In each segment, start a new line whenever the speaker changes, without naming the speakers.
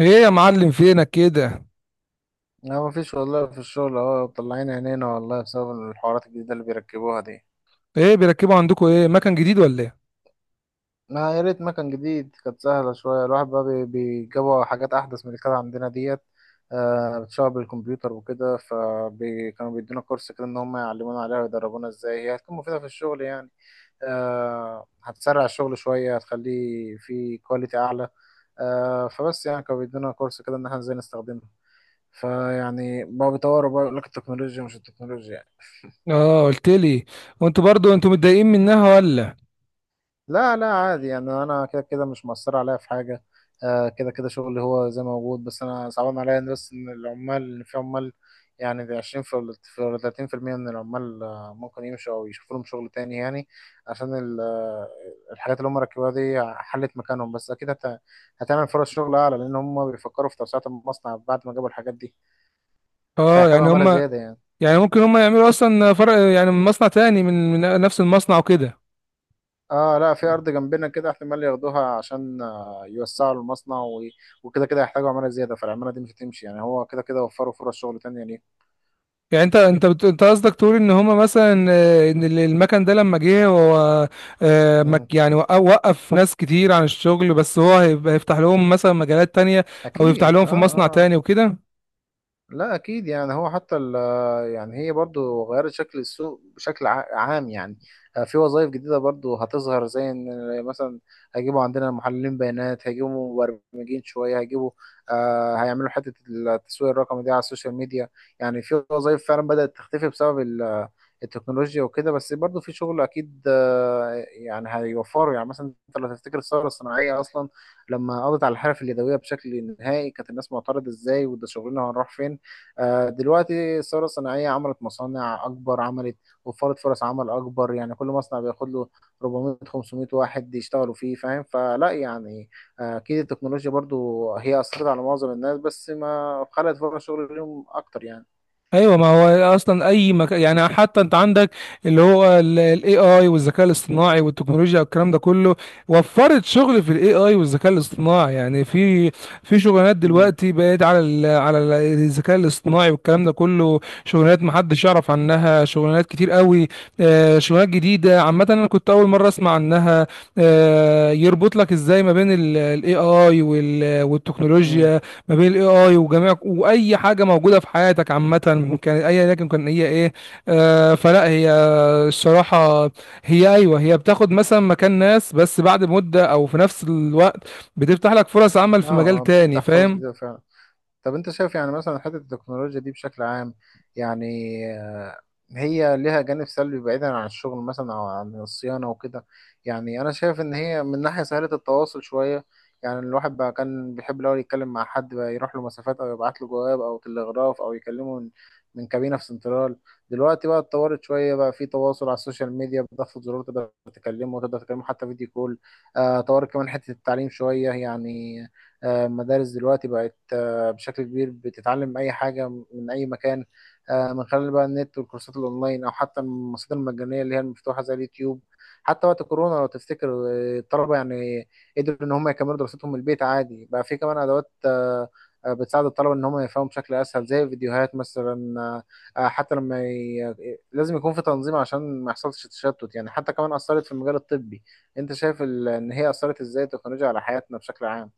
ايه يا معلم، فينك كده؟
لا، مفيش والله. في الشغل اهو، طلعين عينينا والله بسبب الحوارات الجديدة اللي بيركبوها دي.
ايه بيركبوا عندكم؟ ايه، مكان جديد ولا ايه؟
ما يا ريت مكان جديد، كانت سهلة شوية. الواحد بقى بيجيبوا حاجات أحدث من اللي كانت عندنا ديت. بتشتغل بالكمبيوتر وكده، فكانوا بيدونا كورس كده، إن هم يعلمونا عليها ويدربونا إزاي هي هتكون مفيدة في الشغل يعني. هتسرع الشغل شوية، هتخليه فيه كواليتي أعلى. فبس يعني كانوا بيدونا كورس كده إن احنا إزاي نستخدمها. فيعني بقى بيطوروا، بقى يقول لك التكنولوجيا مش التكنولوجيا.
اه، قلت لي. وانتوا برضو، انتوا متضايقين منها ولا؟
لا لا، عادي يعني، انا كده كده مش مأثر عليا في حاجه. كده كده شغلي هو زي ما موجود، بس انا صعبان عليا إن بس ان العمال، ان في عمال يعني. دي 20 في، ولا 30، في 30% من العمال ممكن يمشوا او يشوفوا لهم شغل تاني يعني. عشان الحاجات اللي هم ركبوها دي حلت مكانهم، بس اكيد هتعمل فرص شغل اعلى، لان هم بيفكروا في توسعه المصنع بعد ما جابوا الحاجات دي.
اه،
فهيحتاجوا
يعني
عماله
هم.
زياده يعني.
يعني ممكن هم يعملوا اصلا فرق، يعني من مصنع تاني، من نفس المصنع وكده.
اه، لا، في ارض جنبنا كده احتمال ياخدوها عشان يوسعوا المصنع وكده كده يحتاجوا عماله زياده، فالعماله دي مش هتمشي يعني، هو كده كده وفروا فرص شغل تانية ليه.
يعني انت قصدك تقول ان هما مثلا ان المكن ده لما جه هو.
مم.
يعني وقف ناس كتير عن الشغل، بس هو هيبقى هيفتح لهم مثلا مجالات تانية، او يفتح
اكيد.
لهم
اه.
في مصنع تاني وكده.
لا، اكيد. يعني هو حتى يعني هي برضو غيرت شكل السوق بشكل عام يعني. في وظائف جديده برضو هتظهر، زي ان مثلا هيجيبوا عندنا محللين بيانات، هيجيبوا مبرمجين شويه، هيجيبوا، هيعملوا حته التسويق الرقمي دي على السوشيال ميديا. يعني في وظائف فعلا بدات تختفي بسبب التكنولوجيا وكده، بس برضو في شغل اكيد. يعني هيوفروا، يعني مثلا انت لو تفتكر الثوره الصناعيه اصلا، لما قضت على الحرف اليدويه بشكل نهائي، كانت الناس معترضه ازاي، وده شغلنا هنروح فين. دلوقتي الثورة الصناعية عملت مصانع أكبر، عملت، وفرت فرص عمل أكبر. يعني كل مصنع بياخد له 400 500 واحد يشتغلوا فيه، فاهم؟ فلا يعني، أكيد التكنولوجيا برضو هي أثرت على معظم الناس، بس ما خلقت فرص شغل ليهم أكتر يعني.
ايوه، ما هو اصلا اي مكان، يعني حتى انت عندك اللي هو الاي اي والذكاء الاصطناعي والتكنولوجيا والكلام ده كله، وفرت شغل في الاي اي والذكاء الاصطناعي، يعني في شغلانات
امم.
دلوقتي بقت على الذكاء الاصطناعي والكلام ده كله، شغلانات ما حدش يعرف عنها، شغلانات كتير قوي. شغلانات جديده عامه، انا كنت اول مره اسمع عنها. يربط لك ازاي ما بين الاي اي
امم.
والتكنولوجيا، ما بين الاي اي وجميع، واي حاجه موجوده في حياتك عامه، كان اي لكن كان هي ايه. فلا هي، الصراحه، هي ايوه، هي بتاخد مثلا مكان ناس، بس بعد مده او في نفس الوقت بتفتح لك فرص عمل
اه.
في مجال تاني،
بتفتح فرص جديدة
فاهم؟
فعلا. طب انت شايف يعني مثلا حته التكنولوجيا دي بشكل عام يعني، آه، هي ليها جانب سلبي بعيدا عن الشغل مثلا او عن الصيانه وكده؟ يعني انا شايف ان هي من ناحيه سهله التواصل شويه، يعني الواحد بقى كان بيحب الاول يتكلم مع حد، بقى يروح له مسافات او يبعت له جواب او تلغراف، او يكلمه من كابينه في سنترال. دلوقتي بقى اتطورت شويه، بقى في تواصل على السوشيال ميديا، بضغط زرار تقدر تكلمه، وتقدر تكلمه حتى فيديو كول. طورت كمان حته التعليم شويه يعني. المدارس دلوقتي بقت بشكل كبير بتتعلم اي حاجه من اي مكان، من خلال بقى النت والكورسات الاونلاين، او حتى المصادر المجانيه اللي هي المفتوحه زي اليوتيوب. حتى وقت الكورونا لو تفتكر، الطلبه يعني قدروا ان هم يكملوا دراستهم من البيت عادي. بقى في كمان ادوات بتساعد الطلبه ان هم يفهموا بشكل اسهل، زي الفيديوهات مثلا. آه، آه، حتى لما ي... لازم يكون في تنظيم عشان ما يحصلش تشتت يعني. حتى كمان اثرت في المجال الطبي. انت شايف ان هي اثرت ازاي التكنولوجيا على حياتنا بشكل عام؟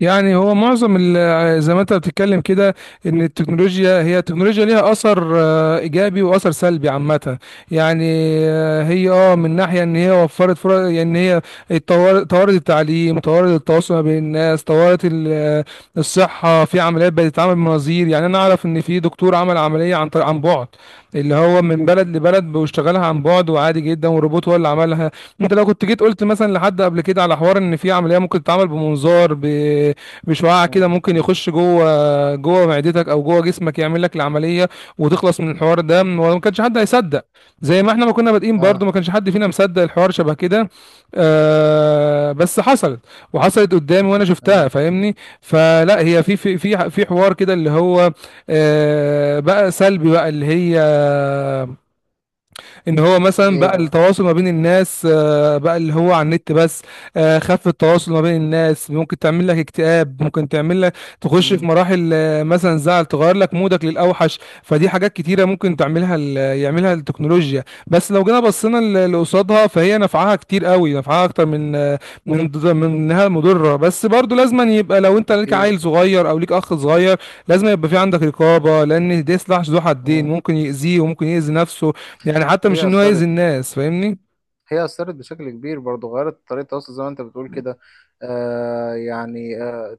يعني هو معظم زي ما انت بتتكلم كده، ان التكنولوجيا ليها اثر ايجابي واثر سلبي عامه. يعني هي من ناحيه ان هي وفرت فرص، يعني ان هي طورت التعليم، طورت التواصل ما بين الناس، طورت الصحه، في عمليات بقت تتعمل بمناظير. يعني انا اعرف ان في دكتور عمل عمليه عن بعد، اللي هو من بلد لبلد بيشتغلها عن بعد، وعادي جدا، والروبوت هو اللي عملها. انت لو كنت جيت قلت مثلا لحد قبل كده على حوار ان في عمليه ممكن تتعمل بمنظار بشعاع كده،
مم.
ممكن يخش جوه جوه معدتك او جوه جسمك، يعمل لك العمليه وتخلص من الحوار ده، وما كانش حد هيصدق. زي ما احنا ما كنا بادئين برضه،
اه.
ما كانش حد فينا مصدق الحوار شبه كده. بس حصلت، وحصلت قدامي وانا شفتها،
ايوه.
فاهمني؟ فلا هي في حوار كده اللي هو بقى سلبي، بقى اللي هي، ان هو مثلا
ايه
بقى
بقى؟
التواصل ما بين الناس، بقى اللي هو على النت بس. خف التواصل ما بين الناس، ممكن تعمل لك اكتئاب، ممكن تعمل لك تخش في
امم.
مراحل مثلا زعل، تغير لك مودك للاوحش. فدي حاجات كتيره ممكن تعملها يعملها التكنولوجيا، بس لو جينا بصينا لقصادها، فهي نفعها كتير قوي، نفعها اكتر من من من انها مضره. بس برضو لازم يبقى، لو انت ليك
اكيد.
عيل صغير او ليك اخ صغير، لازم يبقى في عندك رقابه، لان ده سلاح ذو حدين،
امم.
ممكن يأذيه وممكن يأذي نفسه. يعني حتى مش
هي
ان هو يأذي
اثرت
الناس، فاهمني؟
هي أثرت بشكل كبير برضه، غيرت طريقة التواصل زي ما أنت بتقول كده. يعني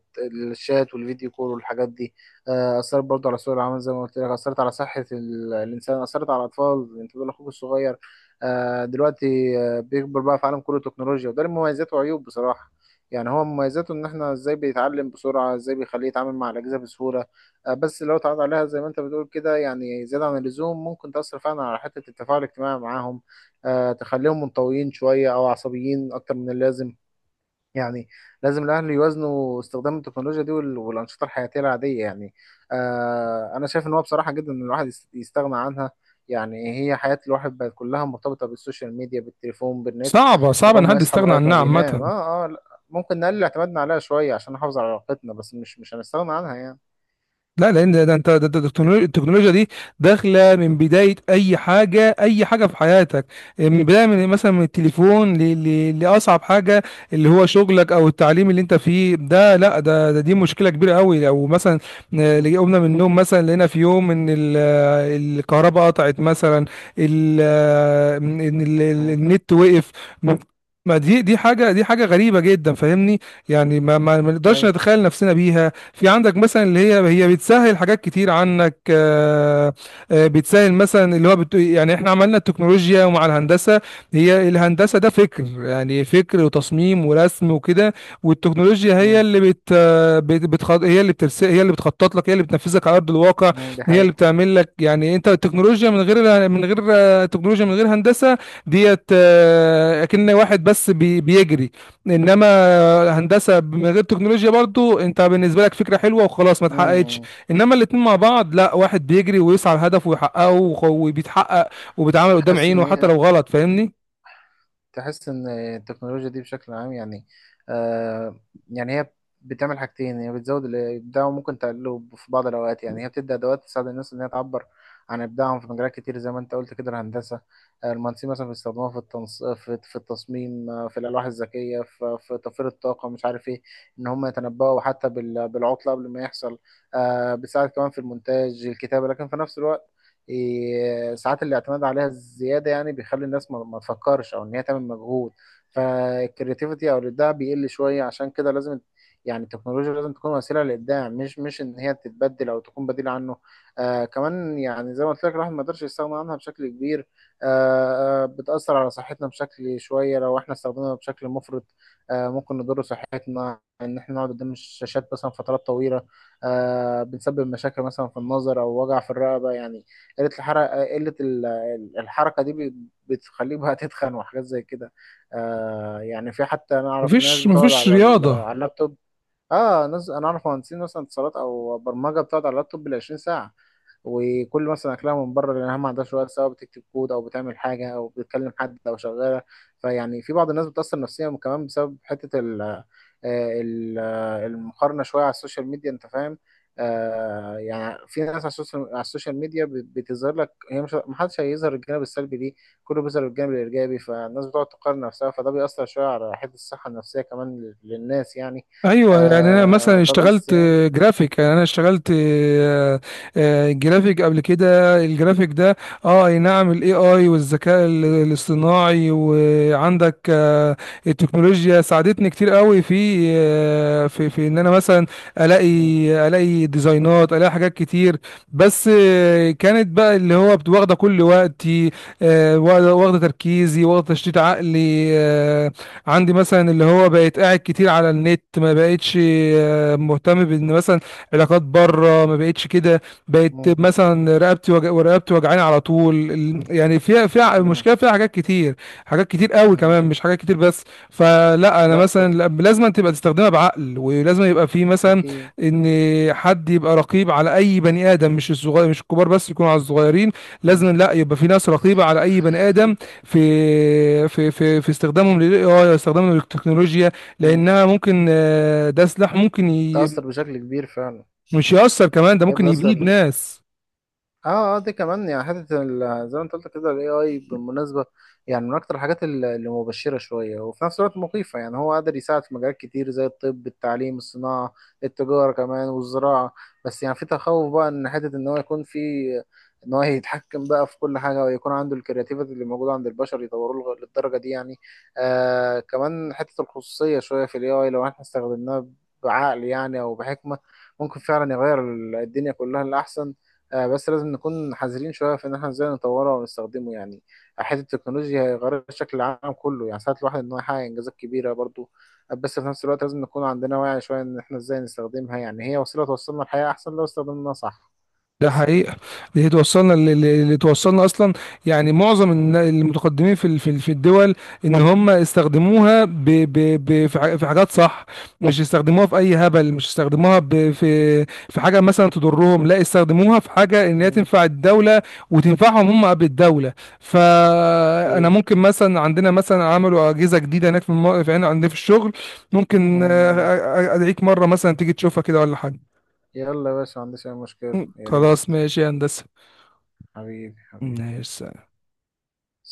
الشات والفيديو كول والحاجات دي. أثرت برضه على سوق العمل زي ما قلت لك، أثرت على صحة الإنسان، أثرت على الأطفال. أنت بتقول أخوك الصغير، دلوقتي بيكبر بقى في عالم كله تكنولوجيا، وده له مميزات وعيوب بصراحة. يعني هو مميزاته إن إحنا إزاي بيتعلم بسرعة، إزاي بيخليه يتعامل مع الأجهزة بسهولة. بس لو اتعرض عليها زي ما أنت بتقول كده، يعني زيادة عن اللزوم، ممكن تأثر فعلا على حتة التفاعل الاجتماعي معاهم، تخليهم منطويين شوية أو عصبيين أكتر من اللازم يعني. لازم الأهل يوازنوا استخدام التكنولوجيا دي والأنشطة الحياتية العادية يعني. أنا شايف إن هو بصراحة جدا إن الواحد يستغنى عنها. يعني هي حياة الواحد بقت كلها مرتبطة بالسوشيال ميديا، بالتليفون، بالنت،
صعبة
من
صعبة
أول
ان
ما
حد
يصحى
يستغنى
لغاية ما
عنها
بينام.
عامة.
لا، ممكن نقلل اعتمادنا عليها شوية عشان نحافظ على علاقتنا، بس مش هنستغنى عنها يعني.
لا، لان ده انت، ده التكنولوجيا دي داخله من بدايه اي حاجه، اي حاجه في حياتك. من بدايه، من مثلا من التليفون لاصعب حاجه، اللي هو شغلك او التعليم اللي انت فيه ده. لا، ده دي مشكله كبيره قوي، لو مثلا
مم.
اللي قمنا من النوم مثلا، لقينا في يوم ان الكهرباء قطعت مثلا، ان
مم.
النت وقف. ما دي حاجه، دي حاجه غريبه جدا، فاهمني؟ يعني ما نقدرش
أيوة.
نتخيل نفسنا بيها. في عندك مثلا اللي هي بتسهل حاجات كتير عنك. بتسهل مثلا اللي هو يعني احنا عملنا التكنولوجيا ومع الهندسة. هي الهندسة ده فكر، يعني فكر وتصميم ورسم وكده، والتكنولوجيا هي
مم.
اللي بت... آه، بت... بتخط... هي اللي هي اللي بتخطط لك، هي اللي بتنفذك على أرض الواقع،
مم. دي
هي اللي
حقيقة.
بتعمل لك. يعني انت، التكنولوجيا من غير من غير تكنولوجيا من غير هندسة ديت، اكن واحد بس بيجري، انما هندسه من غير تكنولوجيا برضو انت بالنسبه لك فكره حلوه وخلاص، ما اتحققتش.
مم.
انما الاتنين مع بعض، لا، واحد بيجري ويسعى لهدفه ويحققه وبيتحقق وبيتعامل قدام
حاسس إن
عينه حتى
هي،
لو غلط، فاهمني؟
تحس ان التكنولوجيا دي بشكل عام يعني، آه يعني هي بتعمل حاجتين. هي بتزود الابداع، وممكن تقلله في بعض الاوقات، يعني هي بتدي ادوات تساعد الناس ان هي تعبر عن ابداعهم في مجالات كتير، زي ما انت قلت كده الهندسه. المهندسين مثلا بيستخدموها في التصميم، في الالواح الذكيه، في توفير الطاقه، مش عارف ايه، ان هم يتنبؤوا حتى بالعطله قبل ما يحصل. بتساعد كمان في المونتاج الكتابه، لكن في نفس الوقت إيه، ساعات الاعتماد عليها الزياده يعني بيخلي الناس ما تفكرش، او ان هي تعمل مجهود. فالكرياتيفيتي او الابداع بيقل شويه، عشان كده لازم، يعني التكنولوجيا لازم تكون وسيله للابداع، مش ان هي تتبدل او تكون بديل عنه. كمان يعني زي ما قلت لك الواحد ما يقدرش يستغنى عنها بشكل كبير. بتاثر على صحتنا بشكل شويه لو احنا استخدمناها بشكل مفرط. ممكن نضر صحتنا، ان احنا نقعد قدام الشاشات مثلا فترات طويله، بنسبب مشاكل مثلا في النظر او وجع في الرقبه يعني. قلة الحركة، قلة الحركة دي بتخليه بقى تتخن وحاجات زي كده. يعني في، حتى أنا أعرف ناس
مفيش
بتقعد
مفيش رياضة.
على اللابتوب. اه، ناس أنا أعرف مهندسين مثلا اتصالات أو برمجة بتقعد على اللابتوب بالعشرين ساعة، وكل مثلا اكلها من بره لانها ما عندهاش وقت، سواء بتكتب كود او بتعمل حاجه او بتتكلم حد او شغاله. فيعني في بعض الناس بتاثر نفسيا كمان بسبب حته المقارنه شويه على السوشيال ميديا، انت فاهم؟ يعني في ناس على السوشيال ميديا بتظهر لك هي، مش، محدش هيظهر الجانب السلبي ليه، كله بيظهر الجانب الايجابي، فالناس بتقعد تقارن نفسها، فده بيأثر شويه على حته الصحه النفسيه كمان للناس يعني.
ايوه، يعني انا مثلا
فبس
اشتغلت
يعني.
جرافيك، يعني انا اشتغلت جرافيك قبل كده، الجرافيك ده اه اي نعم، الاي اي والذكاء الاصطناعي، وعندك التكنولوجيا ساعدتني كتير قوي في آه، في في ان انا مثلا الاقي،
مم.
الاقي ديزاينات، الاقي حاجات كتير. بس كانت بقى اللي هو واخده كل وقتي، واخدة تركيزي، واخده تشتيت عقلي. عندي مثلا اللي هو بقيت قاعد كتير على النت، ما بقيتش مهتم بان مثلا علاقات بره، ما بقيتش كده. بقيت
مم.
مثلا ورقبتي وجعاني على طول يعني فيها
مم.
المشكله، فيها حاجات كتير، حاجات كتير قوي
مم.
كمان، مش حاجات كتير بس. فلا انا
لا.
مثلا لازم تبقى تستخدمها بعقل، ولازم يبقى في مثلا
أكيد.
ان حد يبقى رقيب على اي بني ادم، مش الصغير مش الكبار بس، يكونوا على الصغيرين. لازم، لا،
مم.
يبقى في ناس رقيبه على اي بني ادم في في في في استخدامهم للاي اي، استخدامهم للتكنولوجيا،
مم.
لانها ممكن، ده سلاح ممكن
تأثر بشكل كبير فعلا.
مش يأثر كمان، ده
هي
ممكن يبيد
بتأثر.
ناس.
اه. اه. دي كمان يعني حته زي ما انت قلت كده الاي اي بالمناسبه، يعني من اكتر الحاجات اللي مبشره شويه، وفي نفس الوقت مخيفه، يعني هو قادر يساعد في مجالات كتير زي الطب، التعليم، الصناعه، التجاره كمان، والزراعه. بس يعني في تخوف بقى، ان حته ان هو يكون في، ان هو يتحكم بقى في كل حاجه، ويكون عنده الكرياتيفيتي اللي موجوده عند البشر، يطوروه للدرجه دي يعني. كمان حته الخصوصيه شويه في الاي اي. لو احنا استخدمناها بعقل يعني او بحكمه، ممكن فعلا يغير الدنيا كلها للاحسن. بس لازم نكون حذرين شوية في إن إحنا إزاي نطوره ونستخدمه يعني. حتة التكنولوجيا هي غير شكل العالم كله، يعني ساعات الواحد إن هو يحقق إنجازات كبيرة برضو، بس في نفس الوقت لازم نكون عندنا وعي شوية إن إحنا إزاي نستخدمها، يعني هي وسيلة توصلنا لحياة أحسن لو استخدمناها صح.
ده
بس كده.
حقيقة. اللي توصلنا اصلا، يعني معظم المتقدمين في الدول ان هم استخدموها ب ب ب في حاجات صح، مش استخدموها في اي هبل، مش استخدموها ب في في حاجة مثلا تضرهم. لا، استخدموها في حاجة ان هي
مم.
تنفع الدولة وتنفعهم هم بالدولة. فانا
أوكي.
ممكن مثلا، عندنا مثلا عملوا اجهزة جديدة هناك في هنا عندنا في الشغل، ممكن
مم.
ادعيك مرة مثلا تيجي تشوفها كده ولا حاجة.
يلا يا باشا، ما عنديش أي مشكلة، يا ريت.
خلاص، ماشي يا هندسة.
حبيبي حبيبي.
ماشي.